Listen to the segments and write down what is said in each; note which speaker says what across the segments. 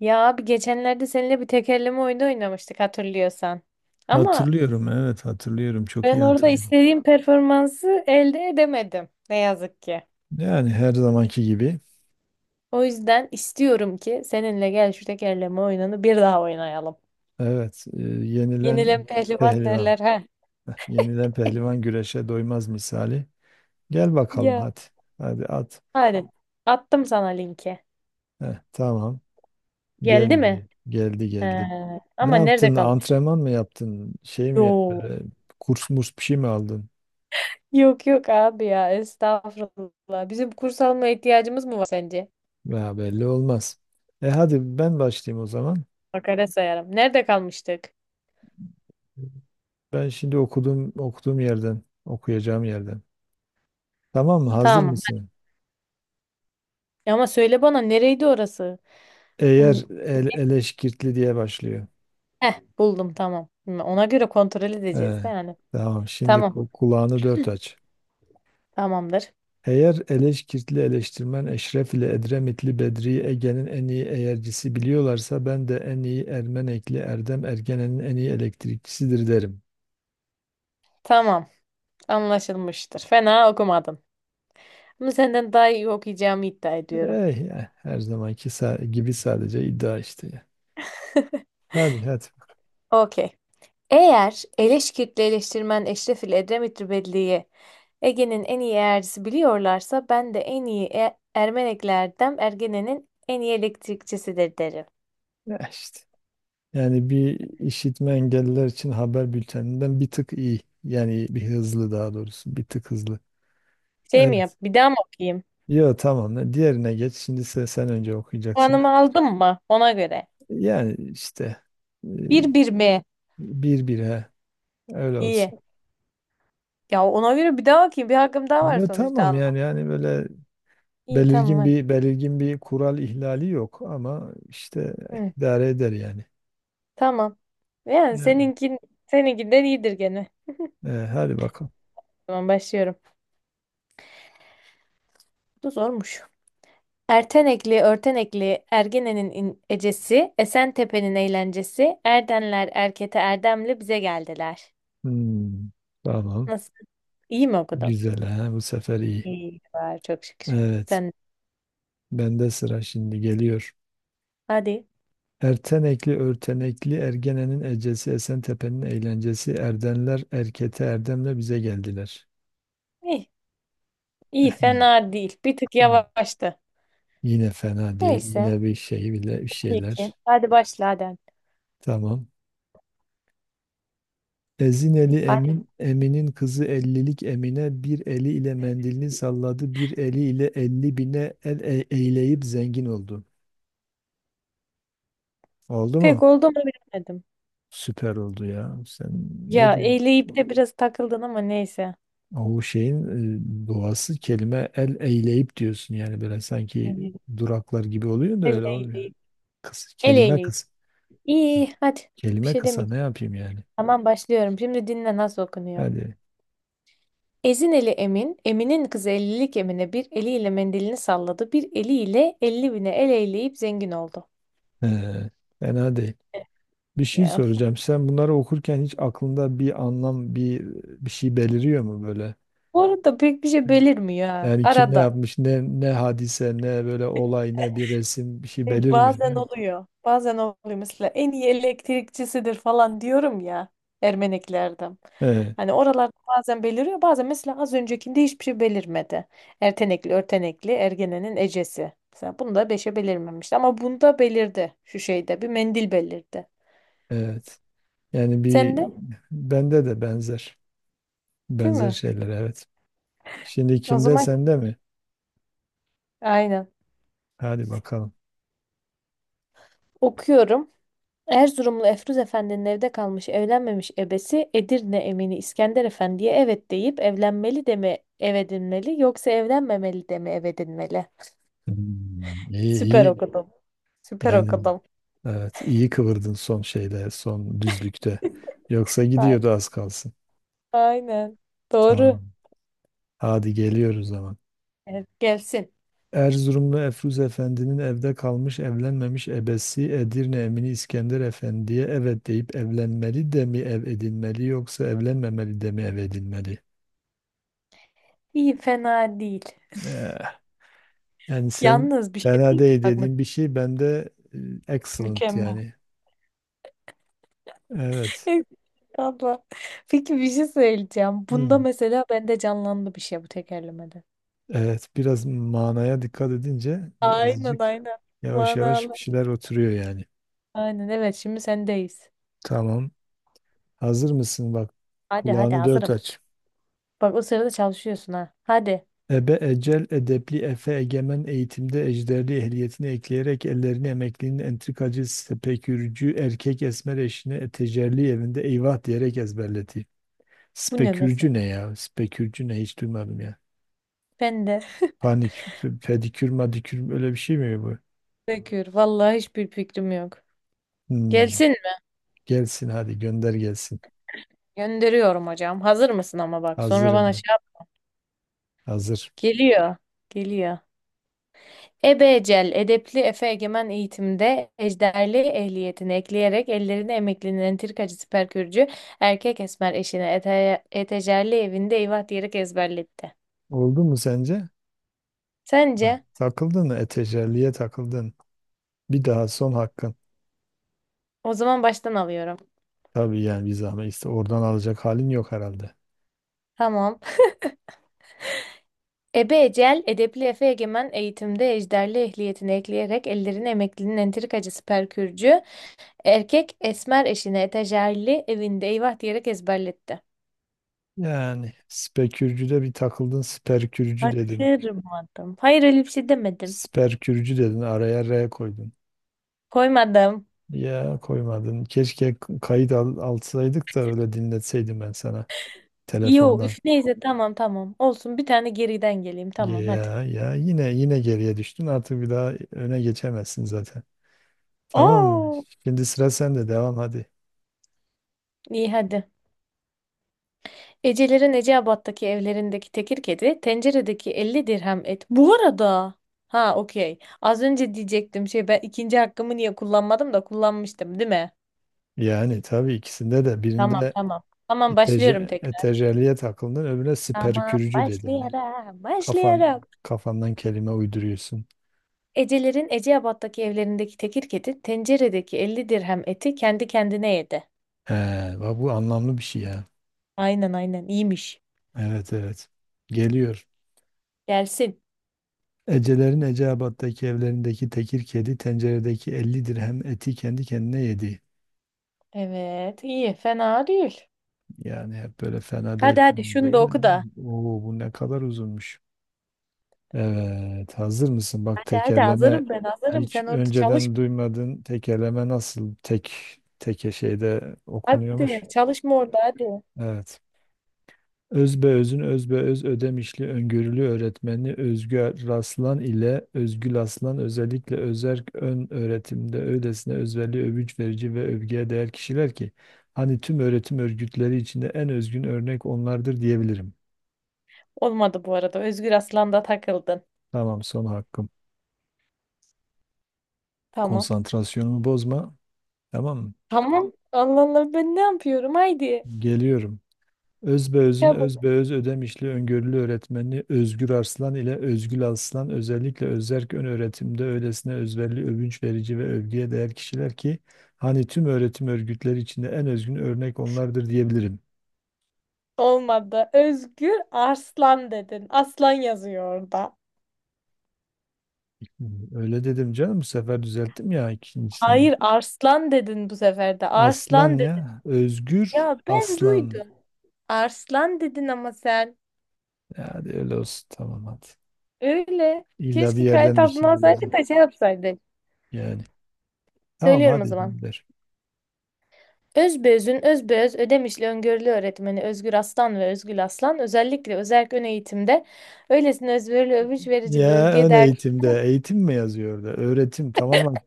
Speaker 1: Ya abi geçenlerde seninle bir tekerleme oyunu oynamıştık hatırlıyorsan. Ama
Speaker 2: Hatırlıyorum, evet hatırlıyorum. Çok
Speaker 1: ben
Speaker 2: iyi
Speaker 1: orada
Speaker 2: hatırlıyorum.
Speaker 1: istediğim performansı elde edemedim ne yazık ki.
Speaker 2: Yani her zamanki gibi.
Speaker 1: O yüzden istiyorum ki seninle gel şu tekerleme oyununu bir daha oynayalım.
Speaker 2: Evet,
Speaker 1: Yenilen
Speaker 2: yenilen
Speaker 1: pehlivan
Speaker 2: pehlivan.
Speaker 1: derler ha.
Speaker 2: Yenilen pehlivan güreşe doymaz misali. Gel bakalım
Speaker 1: Ya
Speaker 2: hadi. Hadi at.
Speaker 1: hadi attım sana linki.
Speaker 2: Heh, tamam.
Speaker 1: Geldi mi?
Speaker 2: Geldi, geldi,
Speaker 1: Ee,
Speaker 2: geldi. Ne
Speaker 1: ama nerede
Speaker 2: yaptın?
Speaker 1: kalmış?
Speaker 2: Antrenman mı yaptın? Şey mi yap-
Speaker 1: Yo.
Speaker 2: böyle kurs murs bir şey mi aldın?
Speaker 1: Yok yok abi ya estağfurullah. Bizim kurs alma ihtiyacımız mı var sence?
Speaker 2: Ya belli olmaz. Hadi ben başlayayım o zaman.
Speaker 1: Makale sayarım. Nerede kalmıştık?
Speaker 2: Ben şimdi okuduğum yerden, okuyacağım yerden. Tamam mı? Hazır
Speaker 1: Tamam.
Speaker 2: mısın?
Speaker 1: Ya ama söyle bana nereydi orası? Hmm,
Speaker 2: Eğer eleşkirtli diye başlıyor.
Speaker 1: heh buldum tamam. Ona göre kontrol
Speaker 2: Ee,
Speaker 1: edeceğiz de yani.
Speaker 2: tamam şimdi
Speaker 1: Tamam. Tamam.
Speaker 2: kulağını dört aç.
Speaker 1: Tamamdır.
Speaker 2: Eğer eleşkirtli eleştirmen Eşref ile Edremitli Bedri Ege'nin en iyi eğercisi biliyorlarsa ben de en iyi Ermenekli Erdem Ergenen'in en iyi elektrikçisidir derim.
Speaker 1: Tamam. Anlaşılmıştır. Fena okumadın. Ama senden daha iyi okuyacağımı iddia ediyorum.
Speaker 2: Her zamanki gibi sadece iddia işte, ya. Hadi hadi.
Speaker 1: Okey. Eğer Eleşkirtli eleştirmen Eşref ile Edremit Rübelli'yi Ege'nin en iyi eğercisi biliyorlarsa ben de en iyi Ermeneklerden Ergene'nin en iyi elektrikçisidir derim.
Speaker 2: Eh işte. Yani bir işitme engelliler için haber bülteninden bir tık iyi. Yani bir hızlı, daha doğrusu bir tık hızlı.
Speaker 1: Şey mi
Speaker 2: Evet.
Speaker 1: yap? Bir daha mı okuyayım?
Speaker 2: Yo, tamam. Diğerine geç. Şimdi sen önce okuyacaksın.
Speaker 1: Puanımı aldım mı? Ona göre.
Speaker 2: Yani işte, e,
Speaker 1: Bir bir mi?
Speaker 2: bir bir he. Öyle olsun.
Speaker 1: İyi. Ya ona göre bir daha bakayım. Bir hakkım daha var
Speaker 2: Yo
Speaker 1: sonuçta.
Speaker 2: tamam,
Speaker 1: Allah.
Speaker 2: yani böyle
Speaker 1: İyi tamam
Speaker 2: belirgin
Speaker 1: hadi.
Speaker 2: bir belirgin bir kural ihlali yok ama işte
Speaker 1: Hı,
Speaker 2: idare eder yani.
Speaker 1: tamam. Yani
Speaker 2: E,
Speaker 1: seninkin, seninkinden iyidir gene.
Speaker 2: Hadi bakalım.
Speaker 1: Tamam başlıyorum. Bu da zormuş. Ertenekli, örtenekli, ecesi, Esentepe'nin eğlencesi, Erdenler, Erkete, Erdemli bize geldiler.
Speaker 2: Hmm, tamam.
Speaker 1: Nasıl? İyi mi okudum?
Speaker 2: Güzel he. Bu sefer iyi.
Speaker 1: İyi var çok şükür.
Speaker 2: Evet.
Speaker 1: Sen
Speaker 2: Bende sıra şimdi geliyor.
Speaker 1: hadi.
Speaker 2: Ertenekli örtenekli Ergene'nin ecesi Esentepe'nin eğlencesi Erdenler Erkete Erdem'le bize geldiler.
Speaker 1: İyi, iyi
Speaker 2: Eh, Yine,
Speaker 1: fena değil. Bir tık
Speaker 2: yine
Speaker 1: yavaştı.
Speaker 2: yine fena değil.
Speaker 1: Neyse.
Speaker 2: Yine bir şey bile bir
Speaker 1: İyi ki.
Speaker 2: şeyler.
Speaker 1: Hadi başla hadi.
Speaker 2: Tamam. Ezineli
Speaker 1: Hadi.
Speaker 2: Emin, Emin'in kızı ellilik Emine bir eli ile mendilini salladı, bir eli ile elli bine eyleyip zengin oldu. Oldu mu?
Speaker 1: Pek oldu mu bilemedim.
Speaker 2: Süper oldu ya. Sen ne
Speaker 1: Ya
Speaker 2: diyorsun?
Speaker 1: eyleyip de biraz takıldın ama neyse.
Speaker 2: O şeyin, doğası kelime el eyleyip diyorsun yani, böyle sanki
Speaker 1: Evet.
Speaker 2: duraklar gibi oluyor da
Speaker 1: El
Speaker 2: öyle olmuyor.
Speaker 1: eyleyip.
Speaker 2: Kısa,
Speaker 1: El
Speaker 2: kelime
Speaker 1: eyleyip.
Speaker 2: kısa.
Speaker 1: İyi hadi. Bir
Speaker 2: Kelime
Speaker 1: şey
Speaker 2: kısa, ne
Speaker 1: demeyeceğim.
Speaker 2: yapayım yani?
Speaker 1: Tamam başlıyorum. Şimdi dinle nasıl okunuyor.
Speaker 2: Hadi.
Speaker 1: Ezin eli Emin, Emin'in kızı ellilik Emine bir eliyle mendilini salladı, bir eliyle 50.000'e el eyleyip zengin oldu.
Speaker 2: Ee, Fena değil. Bir şey
Speaker 1: Ya.
Speaker 2: soracağım. Sen bunları okurken hiç aklında bir anlam, bir şey beliriyor mu böyle?
Speaker 1: Bu arada pek bir şey belirmiyor ha.
Speaker 2: Yani kim ne
Speaker 1: Arada.
Speaker 2: yapmış, ne hadise, ne böyle olay, ne bir resim, bir şey
Speaker 1: E,
Speaker 2: belirmiyor değil
Speaker 1: bazen
Speaker 2: mi?
Speaker 1: oluyor. Bazen oluyor. Mesela en iyi elektrikçisidir falan diyorum ya Ermeneklerden.
Speaker 2: Evet,
Speaker 1: Hani oralarda bazen beliriyor. Bazen mesela az öncekinde hiçbir şey belirmedi. Ertenekli, örtenekli, ergenenin ecesi. Mesela bunda beşe belirmemişti. Ama bunda belirdi. Şu şeyde bir mendil belirdi.
Speaker 2: evet. Yani
Speaker 1: Sen de
Speaker 2: bende de benzer
Speaker 1: değil
Speaker 2: benzer
Speaker 1: mi?
Speaker 2: şeyler, evet. Şimdi
Speaker 1: O
Speaker 2: kimde,
Speaker 1: zaman
Speaker 2: sende mi?
Speaker 1: aynen.
Speaker 2: Hadi bakalım.
Speaker 1: Okuyorum. Erzurumlu Efruz Efendi'nin evde kalmış evlenmemiş ebesi Edirne emini İskender Efendi'ye evet deyip evlenmeli de mi ev edinmeli yoksa evlenmemeli de mi ev edinmeli?
Speaker 2: Hmm, iyi iyi.
Speaker 1: Süper okudum. Süper
Speaker 2: Yani
Speaker 1: okudum.
Speaker 2: evet, iyi kıvırdın son şeyde, son düzlükte. Yoksa
Speaker 1: Ay-
Speaker 2: gidiyordu az kalsın.
Speaker 1: Aynen. Doğru.
Speaker 2: Tamam. Hadi geliyoruz zaman.
Speaker 1: Evet, gelsin.
Speaker 2: Erzurumlu Efruz Efendi'nin evde kalmış evlenmemiş ebesi Edirne Emini İskender Efendi'ye evet deyip evlenmeli de mi ev edinmeli, yoksa evlenmemeli de mi ev edinmeli?
Speaker 1: İyi fena değil.
Speaker 2: Eh, Yani sen
Speaker 1: Yalnız bir şey
Speaker 2: fena
Speaker 1: değil mi?
Speaker 2: değil dediğin bir şey bende, excellent
Speaker 1: Mükemmel.
Speaker 2: yani. Evet.
Speaker 1: Abla. Peki bir şey söyleyeceğim. Bunda
Speaker 2: Hmm.
Speaker 1: mesela bende canlandı bir şey bu tekerlemede.
Speaker 2: Evet, biraz manaya dikkat edince
Speaker 1: Aynen
Speaker 2: birazcık
Speaker 1: aynen.
Speaker 2: yavaş yavaş bir
Speaker 1: Manalı.
Speaker 2: şeyler oturuyor yani.
Speaker 1: Aynen evet şimdi sendeyiz.
Speaker 2: Tamam. Hazır mısın? Bak,
Speaker 1: Hadi hadi
Speaker 2: kulağını dört
Speaker 1: hazırım.
Speaker 2: aç.
Speaker 1: Bak o sırada çalışıyorsun ha. Hadi.
Speaker 2: Ebe ecel edepli efe egemen eğitimde ejderli ehliyetini ekleyerek ellerini emeklinin entrikacı spekürcü erkek esmer eşine tecelli evinde eyvah diyerek ezberleti.
Speaker 1: Bu ne
Speaker 2: Spekürcü
Speaker 1: mesele?
Speaker 2: ne ya? Spekürcü ne, hiç duymadım ya.
Speaker 1: Ben de
Speaker 2: Panik, pedikür madikür, öyle bir şey mi bu?
Speaker 1: bekliyorum. Vallahi hiçbir fikrim yok.
Speaker 2: Hmm,
Speaker 1: Gelsin mi?
Speaker 2: Gelsin hadi, gönder gelsin.
Speaker 1: Gönderiyorum hocam. Hazır mısın ama bak. Sonra
Speaker 2: Hazırım
Speaker 1: bana şey
Speaker 2: mı?
Speaker 1: yap.
Speaker 2: Hazır.
Speaker 1: Geliyor. Geliyor. Ebecel, edepli Efe Egemen eğitimde ejderli ehliyetini ekleyerek ellerini emeklinin entrikacı siperkürcü erkek esmer eşine ete, etecerli evinde eyvah diyerek ezberletti.
Speaker 2: Oldu mu sence?
Speaker 1: Sence?
Speaker 2: Bak, takıldın mı? Etecerliğe takıldın. Bir daha, son hakkın.
Speaker 1: O zaman baştan alıyorum.
Speaker 2: Tabii yani, bir zahmet işte, oradan alacak halin yok herhalde.
Speaker 1: Tamam. Ebe Ecel, edepli Efe Egemen eğitimde ejderli ehliyetini ekleyerek ellerini emeklinin entrikacısı Perkürcü, erkek esmer eşine etajerli evinde eyvah diyerek ezberletti.
Speaker 2: Yani spekürcüde bir takıldın, sperkürcü dedin.
Speaker 1: Kaçırmadım. Hayır öyle bir şey demedim.
Speaker 2: Sperkürcü dedin, araya R koydun.
Speaker 1: Koymadım.
Speaker 2: Ya koymadın. Keşke kayıt alsaydık da öyle dinletseydim ben sana
Speaker 1: Yo
Speaker 2: telefondan.
Speaker 1: üf neyse tamam tamam. Olsun bir tane geriden geleyim tamam hadi.
Speaker 2: Ya, yine geriye düştün, artık bir daha öne geçemezsin zaten. Tamam mı?
Speaker 1: Oo,
Speaker 2: Şimdi sıra sende. Devam hadi.
Speaker 1: iyi hadi. Ecelerin Eceabat'taki evlerindeki tekir kedi, tenceredeki 50 dirhem et. Bu arada, ha okey. Az önce diyecektim şey ben ikinci hakkımı niye kullanmadım da kullanmıştım, değil mi?
Speaker 2: Yani tabii, ikisinde de,
Speaker 1: Tamam
Speaker 2: birinde
Speaker 1: tamam. Tamam başlıyorum tekrar.
Speaker 2: eteryalliye takıldın, öbürüne
Speaker 1: Tamam
Speaker 2: siperkürücü dedin.
Speaker 1: başlayarak
Speaker 2: Kafan
Speaker 1: başlayarak.
Speaker 2: kafandan kelime uyduruyorsun.
Speaker 1: Ecelerin Eceabat'taki evlerindeki tekir kedi, tenceredeki 50 dirhem eti kendi kendine yedi.
Speaker 2: He, bak, bu anlamlı bir şey ya.
Speaker 1: Aynen aynen iyiymiş.
Speaker 2: Evet, evet. Geliyor.
Speaker 1: Gelsin.
Speaker 2: Ecelerin Eceabat'taki evlerindeki tekir kedi, tenceredeki 50 dirhem eti kendi kendine yedi.
Speaker 1: Evet iyi fena değil.
Speaker 2: Yani hep böyle fena
Speaker 1: Hadi
Speaker 2: değil.
Speaker 1: hadi
Speaker 2: Fena
Speaker 1: şunu
Speaker 2: değil.
Speaker 1: da oku da.
Speaker 2: Oo, bu ne kadar uzunmuş. Evet, hazır mısın? Bak,
Speaker 1: Hadi hadi
Speaker 2: tekerleme
Speaker 1: hazırım ben hazırım.
Speaker 2: hiç
Speaker 1: Sen orada çalış.
Speaker 2: önceden duymadın. Tekerleme nasıl teke şeyde okunuyormuş?
Speaker 1: Hadi çalışma orada hadi.
Speaker 2: Evet. Özbeöz'ün özbeöz Ödemişli öngörülü öğretmeni Özgü Raslan ile Özgül Aslan özellikle özerk ön öğretimde öylesine özverili, övünç verici ve övgüye değer kişiler ki hani tüm öğretim örgütleri içinde en özgün örnek onlardır diyebilirim.
Speaker 1: Olmadı bu arada. Özgür Aslan'da takıldın.
Speaker 2: Tamam, son hakkım.
Speaker 1: Tamam.
Speaker 2: Konsantrasyonumu bozma. Tamam mı?
Speaker 1: Tamam. Allah Allah ben ne yapıyorum? Haydi.
Speaker 2: Geliyorum. Özbeöz'ün
Speaker 1: Çabuk.
Speaker 2: Özbeöz Ödemişli öngörülü öğretmeni Özgür Arslan ile Özgül Arslan özellikle özerk ön öğretimde öylesine özverili, övünç verici ve övgüye değer kişiler ki hani tüm öğretim örgütleri içinde en özgün örnek onlardır diyebilirim.
Speaker 1: Olmadı. Özgür Arslan dedin. Aslan yazıyor orada.
Speaker 2: Öyle dedim canım, bu sefer düzelttim ya, ikincisinde.
Speaker 1: Hayır Arslan dedin bu sefer de.
Speaker 2: Aslan
Speaker 1: Arslan dedin.
Speaker 2: ya, Özgür
Speaker 1: Ya ben
Speaker 2: Aslan.
Speaker 1: duydum. Arslan dedin ama sen.
Speaker 2: Ya hadi, öyle olsun, tamam hadi.
Speaker 1: Öyle.
Speaker 2: İlla bir
Speaker 1: Keşke kayıt
Speaker 2: yerden bir
Speaker 1: altına
Speaker 2: şey bulacağım
Speaker 1: alsaydık da şey yapsaydın.
Speaker 2: yani. Tamam,
Speaker 1: Söylüyorum o
Speaker 2: hadi
Speaker 1: zaman.
Speaker 2: gönder.
Speaker 1: Özbeöz'ün özbeöz Ödemişli öngörülü öğretmeni Özgür Aslan ve Özgül Aslan özellikle özerk ön eğitimde öylesine özverili övüş verici bir
Speaker 2: Ya,
Speaker 1: övgüye
Speaker 2: ön
Speaker 1: değer...
Speaker 2: eğitimde, eğitim mi yazıyor orada? Öğretim tamamen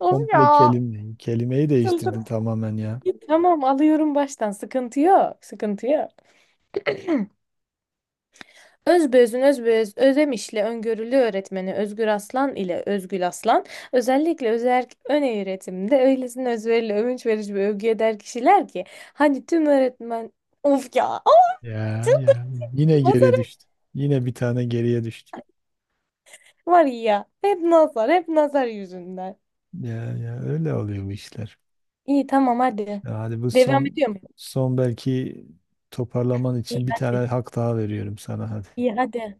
Speaker 1: Of
Speaker 2: komple
Speaker 1: ya!
Speaker 2: kelime. Kelimeyi
Speaker 1: Çıldırdım.
Speaker 2: değiştirdin tamamen ya.
Speaker 1: Tamam alıyorum baştan sıkıntı yok sıkıntı yok. Özbeöz'ün özbeöz Ödemişli öngörülü öğretmeni Özgür Aslan ile Özgül Aslan özellikle özerk ön eğitimde öylesine özverili övünç verici bir övgüye değer kişiler ki hani tüm öğretmen. Of ya! Of,
Speaker 2: Ya ya, yine geriye
Speaker 1: çıldırdım.
Speaker 2: düştü. Yine bir tane geriye düştü.
Speaker 1: Var ya. Hep nazar. Hep nazar yüzünden.
Speaker 2: Ya, öyle oluyor bu işler.
Speaker 1: İyi tamam hadi.
Speaker 2: Ya hadi, bu
Speaker 1: Devam
Speaker 2: son
Speaker 1: ediyor muyum?
Speaker 2: son belki toparlaman
Speaker 1: İyi
Speaker 2: için bir tane
Speaker 1: hadi.
Speaker 2: hak daha veriyorum sana, hadi.
Speaker 1: İyi hadi.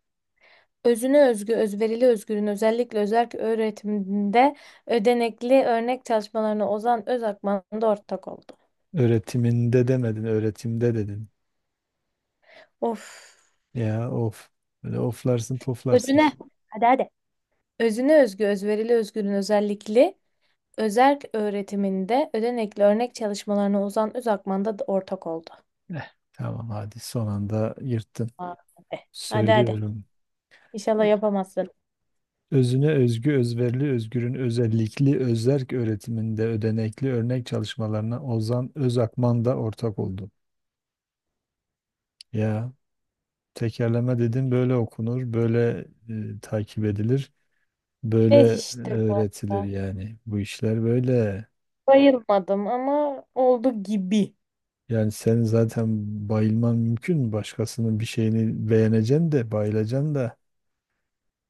Speaker 1: Özüne özgü, özverili özgürün özellikle özerk öğretiminde ödenekli örnek çalışmalarına Ozan Özakman da ortak oldu.
Speaker 2: Öğretiminde demedin, öğretimde dedin.
Speaker 1: Of.
Speaker 2: Ya, of. Böyle oflarsın poflarsın
Speaker 1: Özüne.
Speaker 2: işte.
Speaker 1: Hadi hadi. Özüne özgü, özverili özgürün özellikli özerk öğretiminde ödenekli örnek çalışmalarına Ozan Özakman da ortak oldu.
Speaker 2: Tamam, hadi son anda yırttın.
Speaker 1: Hadi hadi. Hadi.
Speaker 2: Söylüyorum.
Speaker 1: İnşallah yapamazsın.
Speaker 2: Özüne özgü, özverili, özgürün özellikli, özerk öğretiminde ödenekli örnek çalışmalarına Ozan Özakman da ortak oldu. Ya, tekerleme dedim böyle okunur, böyle, takip edilir, böyle
Speaker 1: Eh işte
Speaker 2: öğretilir
Speaker 1: bu.
Speaker 2: yani. Bu işler böyle.
Speaker 1: Bayılmadım ama oldu gibi.
Speaker 2: Yani sen zaten bayılman mümkün mü? Başkasının bir şeyini beğeneceksin de bayılacaksın da,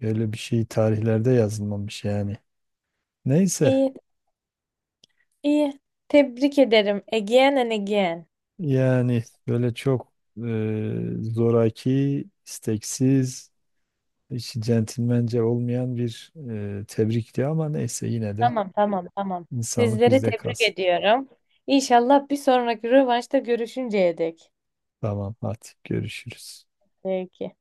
Speaker 2: öyle bir şey tarihlerde yazılmamış yani. Neyse.
Speaker 1: İyi, iyi. Tebrik ederim. Again and again.
Speaker 2: Yani böyle çok, zoraki, isteksiz, hiç centilmence olmayan bir, tebrikti ama neyse, yine de
Speaker 1: Tamam, tamam, tamam.
Speaker 2: insanlık
Speaker 1: Sizleri
Speaker 2: bizde
Speaker 1: tebrik
Speaker 2: kalsın.
Speaker 1: ediyorum. İnşallah bir sonraki rövanşta görüşünceye dek.
Speaker 2: Tamam, hadi görüşürüz.
Speaker 1: Peki.